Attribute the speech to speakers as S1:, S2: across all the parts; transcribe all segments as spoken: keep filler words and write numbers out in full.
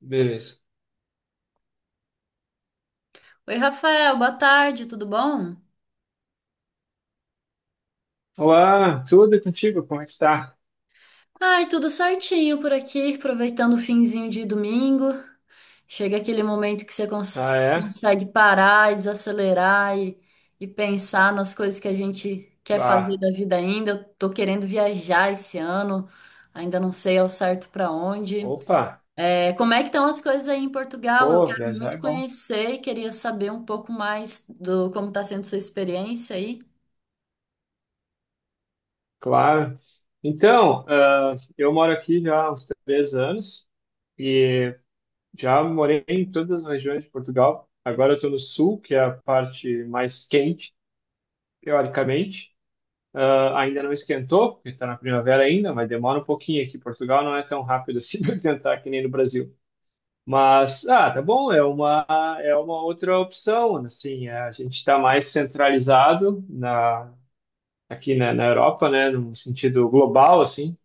S1: Beleza.
S2: Oi, Rafael, boa tarde, tudo bom?
S1: Olá, tudo e contigo? Como é está?
S2: Ai, tudo certinho por aqui, aproveitando o finzinho de domingo. Chega aquele momento que você
S1: Ah,
S2: cons-
S1: é?
S2: consegue parar e desacelerar e, e pensar nas coisas que a gente quer fazer
S1: Bah.
S2: da vida ainda. Eu tô querendo viajar esse ano, ainda não sei ao certo para onde.
S1: Opa,
S2: É, como é que estão as coisas aí em Portugal? Eu
S1: pô,
S2: quero
S1: viajar é
S2: muito
S1: bom.
S2: conhecer e queria saber um pouco mais do como está sendo sua experiência aí.
S1: Claro. Então, ah, eu moro aqui já há uns três anos e já morei em todas as regiões de Portugal. Agora eu estou no sul, que é a parte mais quente, teoricamente. Ah, ainda não esquentou, porque está na primavera ainda, mas demora um pouquinho aqui. Portugal não é tão rápido assim para esquentar que nem no Brasil. Mas, ah, tá bom, é uma, é uma outra opção, assim, é, a gente está mais centralizado na, aqui na, na Europa, né, num sentido global, assim,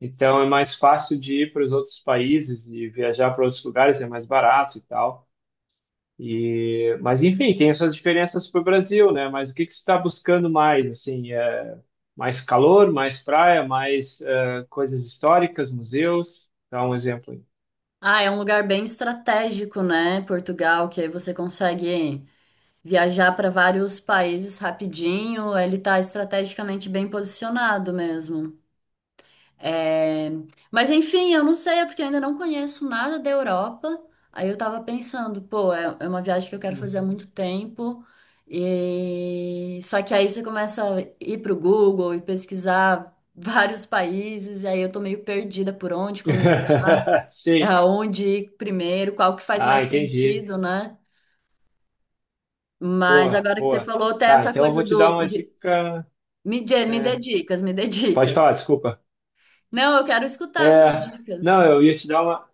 S1: então é mais fácil de ir para os outros países e viajar para outros lugares, é mais barato e tal, e, mas enfim, tem suas diferenças para o Brasil, né, mas o que que você está buscando mais, assim, é mais calor, mais praia, mais eh, coisas históricas, museus, dá um exemplo aí.
S2: Ah, é um lugar bem estratégico, né? Portugal, que aí você consegue viajar para vários países rapidinho. Ele tá estrategicamente bem posicionado mesmo. É, mas enfim, eu não sei, é porque eu ainda não conheço nada da Europa. Aí eu tava pensando, pô, é é uma viagem que eu quero fazer há
S1: Uhum.
S2: muito tempo. E só que aí você começa a ir pro Google e pesquisar vários países, e aí eu tô meio perdida por onde começar,
S1: Sim.
S2: aonde ir primeiro, qual que faz
S1: Ah,
S2: mais
S1: entendi.
S2: sentido, né? Mas
S1: Boa,
S2: agora que você
S1: boa.
S2: falou, até
S1: Tá,
S2: essa
S1: então eu vou
S2: coisa
S1: te dar
S2: do
S1: uma
S2: de-
S1: dica.
S2: me, dê- me dê
S1: é,
S2: dicas, me dê
S1: Pode
S2: dicas.
S1: falar, desculpa.
S2: Não, eu quero escutar suas
S1: É, não,
S2: dicas.
S1: eu ia te dar uma.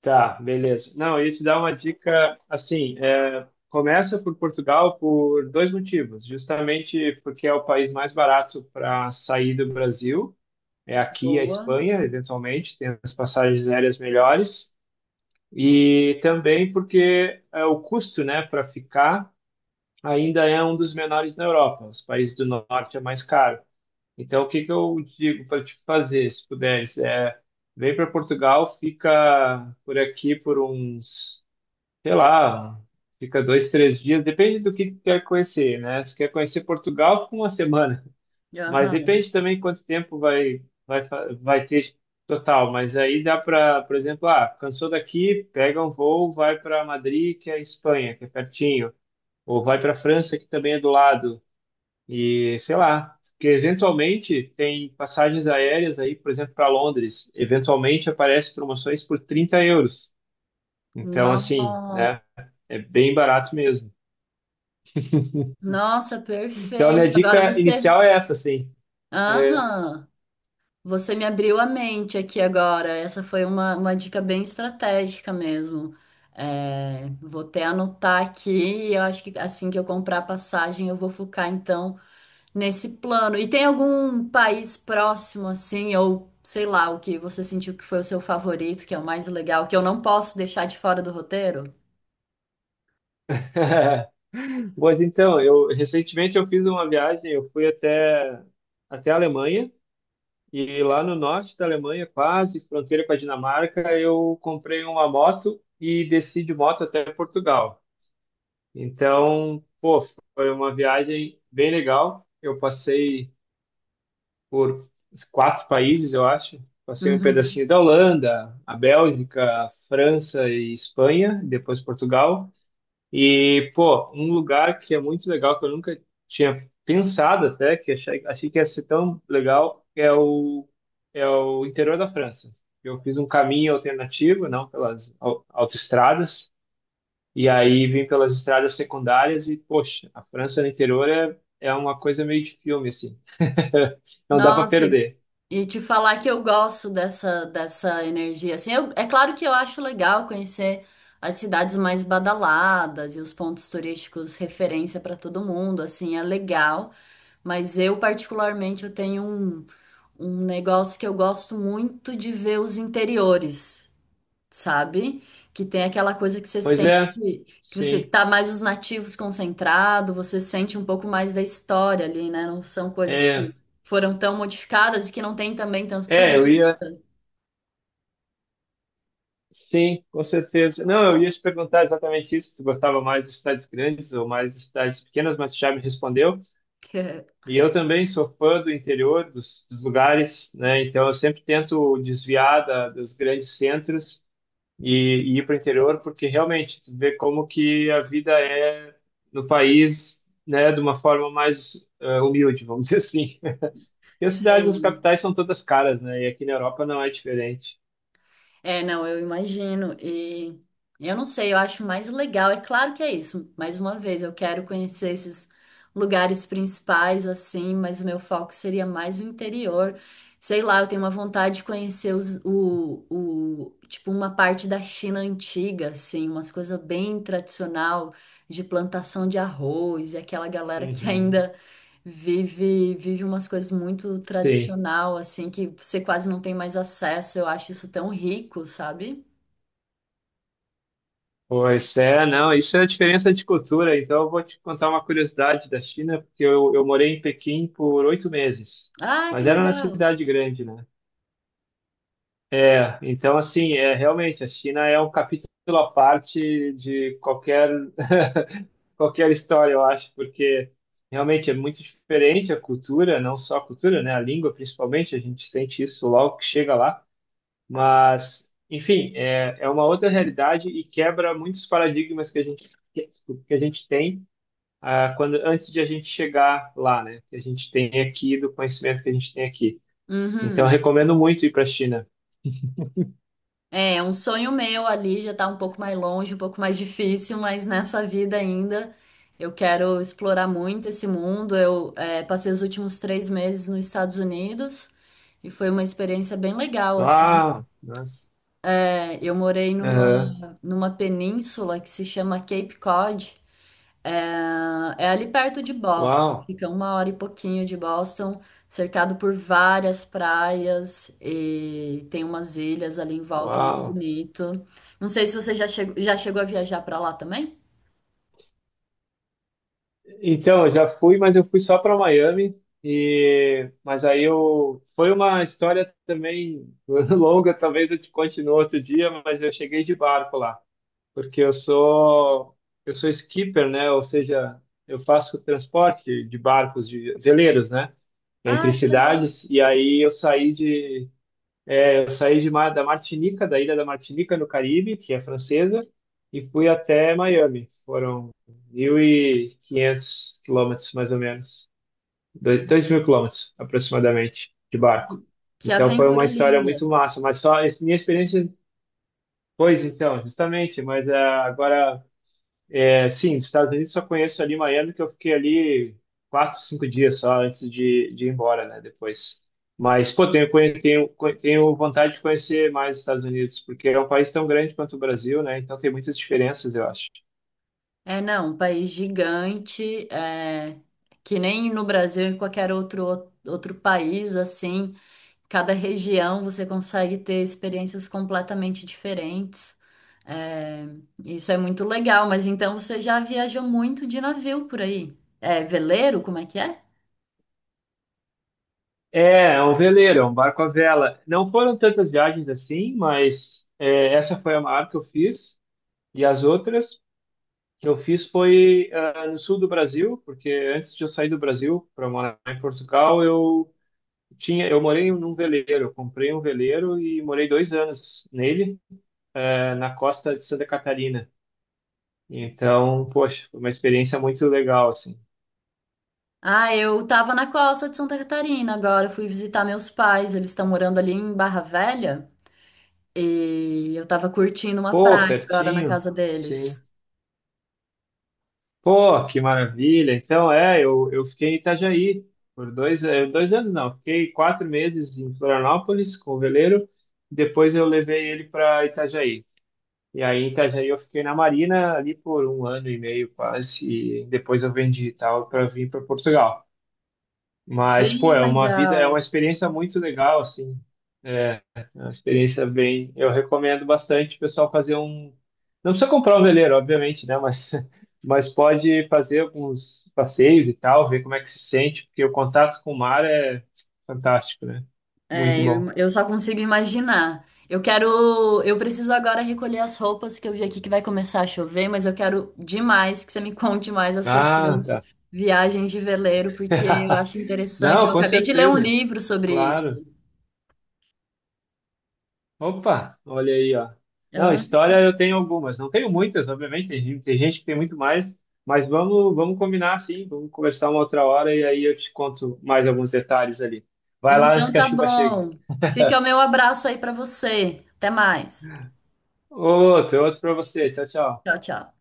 S1: Tá, beleza. Não, eu ia te dar uma dica assim. É, começa por Portugal por dois motivos. Justamente porque é o país mais barato para sair do Brasil. É aqui a
S2: Boa.
S1: Espanha, eventualmente, tem as passagens aéreas melhores. E também porque é, o custo, né, para ficar ainda é um dos menores na Europa. Os países do norte é mais caro. Então, o que que eu digo para te fazer, se puderes, é vem para Portugal, fica por aqui por uns, sei lá, fica dois, três dias, depende do que tu quer conhecer, né? Se quer conhecer Portugal, fica uma semana, mas
S2: Aham.
S1: depende também quanto tempo vai vai fa- vai ter total. Mas aí dá para, por exemplo, ah, cansou daqui, pega um voo, vai para Madrid, que é a Espanha, que é pertinho. Ou vai para a França, que também é do lado. E sei lá, porque eventualmente tem passagens aéreas aí, por exemplo, para Londres, eventualmente aparece promoções por trinta euros. Então, assim,
S2: No-
S1: né? É bem barato mesmo.
S2: nossa,
S1: Então, a minha
S2: perfeito. Agora
S1: dica
S2: você.
S1: inicial é essa, sim.
S2: Aham. Você me abriu a mente aqui agora. Essa foi uma, uma dica bem estratégica mesmo. É, vou até anotar aqui. e Eu acho que assim que eu comprar a passagem, eu vou focar então nesse plano. E tem algum país próximo assim, ou sei lá, o que você sentiu que foi o seu favorito, que é o mais legal, que eu não posso deixar de fora do roteiro?
S1: Pois então, eu recentemente eu fiz uma viagem, eu fui até até a Alemanha e lá no norte da Alemanha, quase fronteira com a Dinamarca, eu comprei uma moto e desci de moto até Portugal. Então, pô, foi uma viagem bem legal. Eu passei por quatro países, eu acho. Passei um
S2: Uhum.
S1: pedacinho da Holanda, a Bélgica, a França e Espanha, depois Portugal. E, pô, um lugar que é muito legal, que eu nunca tinha pensado até, que achei, achei que ia ser tão legal, é o, é o interior da França. Eu fiz um caminho alternativo, não pelas au- autoestradas, e aí vim pelas estradas secundárias e, poxa, a França no interior é, é uma coisa meio de filme, assim. Não dá para
S2: Nossa,
S1: perder.
S2: e te falar que eu gosto dessa, dessa energia. Assim, eu- é claro que eu acho legal conhecer as cidades mais badaladas e os pontos turísticos referência para todo mundo. Assim, é legal. Mas eu, particularmente, eu tenho um, um negócio que eu gosto muito de ver os interiores, sabe? Que tem aquela coisa que você
S1: Pois
S2: sente
S1: é,
S2: que, que você
S1: sim.
S2: tá mais os nativos concentrado, você sente um pouco mais da história ali, né? Não são coisas que
S1: É,
S2: foram tão modificadas e que não tem também tanto
S1: é, eu
S2: turismo.
S1: ia. Sim, com certeza. Não, eu ia te perguntar exatamente isso, se gostava mais de cidades grandes ou mais de cidades pequenas, mas tu já me respondeu. E eu também sou fã do interior, dos, dos lugares, né? Então eu sempre tento desviar da, dos grandes centros e, e ir para o interior, porque realmente tu vê como que a vida é no país, né, de uma forma mais eh, humilde, vamos dizer assim. E as cidades nas
S2: Sim.
S1: capitais são todas caras, né? E aqui na Europa não é diferente.
S2: É, não, eu imagino. E eu não sei, eu acho mais legal. É claro que é isso. Mais uma vez, eu quero conhecer esses lugares principais, assim, mas o meu foco seria mais o interior. Sei lá, eu tenho uma vontade de conhecer os, o, o, tipo, uma parte da China antiga, assim, umas coisas bem tradicional de plantação de arroz, e aquela galera que
S1: Uhum.
S2: ainda Vive, vive umas coisas muito
S1: Sim.
S2: tradicional, assim, que você quase não tem mais acesso. Eu acho isso tão rico, sabe?
S1: Pois é, não, isso é a diferença de cultura. Então, eu vou te contar uma curiosidade da China, porque eu, eu morei em Pequim por oito meses,
S2: Ah, que
S1: mas era na
S2: legal!
S1: cidade grande, né? é Então, assim, é realmente a China é um capítulo à parte de qualquer qualquer história, eu acho, porque realmente é muito diferente a cultura, não só a cultura, né? A língua, principalmente, a gente sente isso logo que chega lá. Mas, enfim, é, é uma outra realidade e quebra muitos paradigmas que a gente, que a gente tem ah, quando, antes de a gente chegar lá, né? Que a gente tem aqui, do conhecimento que a gente tem aqui. Então, eu
S2: Uhum.
S1: recomendo muito ir para a China.
S2: É, é um sonho meu, ali já tá um pouco mais longe, um pouco mais difícil, mas nessa vida ainda eu quero explorar muito esse mundo. Eu, é, passei os últimos três meses nos Estados Unidos e foi uma experiência bem legal, assim.
S1: Uau! Nossa.
S2: É, eu morei numa,
S1: Aham.
S2: numa península que se chama Cape Cod. É ali perto de Boston,
S1: Uau!
S2: fica uma hora e pouquinho de Boston, cercado por várias praias e tem umas ilhas ali em volta muito
S1: Uau!
S2: bonito. Não sei se você já chegou, já chegou a viajar para lá também?
S1: Então, eu já fui, mas eu fui só para Miami. E mas aí eu foi uma história também longa, talvez eu te conte no outro dia, mas eu cheguei de barco lá, porque eu sou eu sou skipper, né? Ou seja, eu faço transporte de barcos de veleiros, né? Entre
S2: Ah, que legal!
S1: cidades. E aí eu saí de eu saí de, Mar- da Martinica, da ilha da Martinica, no Caribe, que é francesa, e fui até Miami. Foram mil e quinhentos quilômetros, mais ou menos. Doi- mil quilômetros, aproximadamente, de barco.
S2: Que
S1: Então foi uma
S2: aventura
S1: história
S2: linda!
S1: muito massa, mas só minha experiência, pois então, justamente, mas ah, agora é, sim, os Estados Unidos só conheço ali Miami, que eu fiquei ali quatro, cinco dias só antes de, de ir embora, né? Depois. Mas, pô, tenho, conhe- tenho, conhe- tenho vontade de conhecer mais os Estados Unidos, porque é um país tão grande quanto o Brasil, né? Então tem muitas diferenças, eu acho.
S2: É, não, um país gigante, é, que nem no Brasil, em qualquer outro, outro país, assim, cada região você consegue ter experiências completamente diferentes. É, isso é muito legal, mas então você já viajou muito de navio por aí? É veleiro, como é que é?
S1: É, é um veleiro, é um barco à vela. Não foram tantas viagens assim, mas é, essa foi a maior que eu fiz. E as outras que eu fiz foi ah, no sul do Brasil, porque antes de eu sair do Brasil para morar em Portugal, eu Tinha, eu morei num veleiro, eu comprei um veleiro e morei dois anos nele, eh, na costa de Santa Catarina. Então, poxa, foi uma experiência muito legal, assim.
S2: Ah, eu tava na costa de Santa Catarina agora, fui visitar meus pais, eles estão morando ali em Barra Velha e eu tava curtindo uma
S1: Pô,
S2: praia agora na
S1: pertinho,
S2: casa deles.
S1: sim. Pô, que maravilha. Então, é, eu, eu fiquei em Itajaí por dois, eh, dois anos, não, fiquei quatro meses em Florianópolis com o veleiro, depois eu levei ele para Itajaí. E aí, em Itajaí, eu fiquei na Marina ali por um ano e meio quase, e depois eu vendi e tal para vir para Portugal. Mas, pô,
S2: Bem
S1: é uma vida, é uma
S2: legal.
S1: experiência muito legal, assim. É, é uma experiência bem. Eu recomendo bastante o pessoal fazer um. Não precisa comprar um veleiro, obviamente, né? Mas, mas pode fazer alguns passeios e tal, ver como é que se sente, porque o contato com o mar é fantástico, né?
S2: É,
S1: Muito
S2: eu,
S1: bom.
S2: eu só consigo imaginar. Eu quero. Eu preciso agora recolher as roupas que eu vi aqui que vai começar a chover, mas eu quero demais que você me conte mais essas
S1: Ah,
S2: suas
S1: tá.
S2: viagens de veleiro, porque eu acho interessante. Eu
S1: Não, com
S2: acabei de ler um
S1: certeza.
S2: livro sobre isso.
S1: Claro. Opa, olha aí, ó. Não,
S2: Hã?
S1: história eu tenho algumas, não tenho muitas, obviamente, tem, gente- tem gente que tem muito mais, mas vamos, vamos combinar assim, vamos conversar uma outra hora e aí eu te conto mais alguns detalhes ali. Vai lá antes
S2: Então
S1: que a
S2: tá
S1: chuva chegue.
S2: bom. Fica o meu abraço aí pra você. Até mais.
S1: Outro, outro para você. Tchau, tchau.
S2: Tchau, tchau.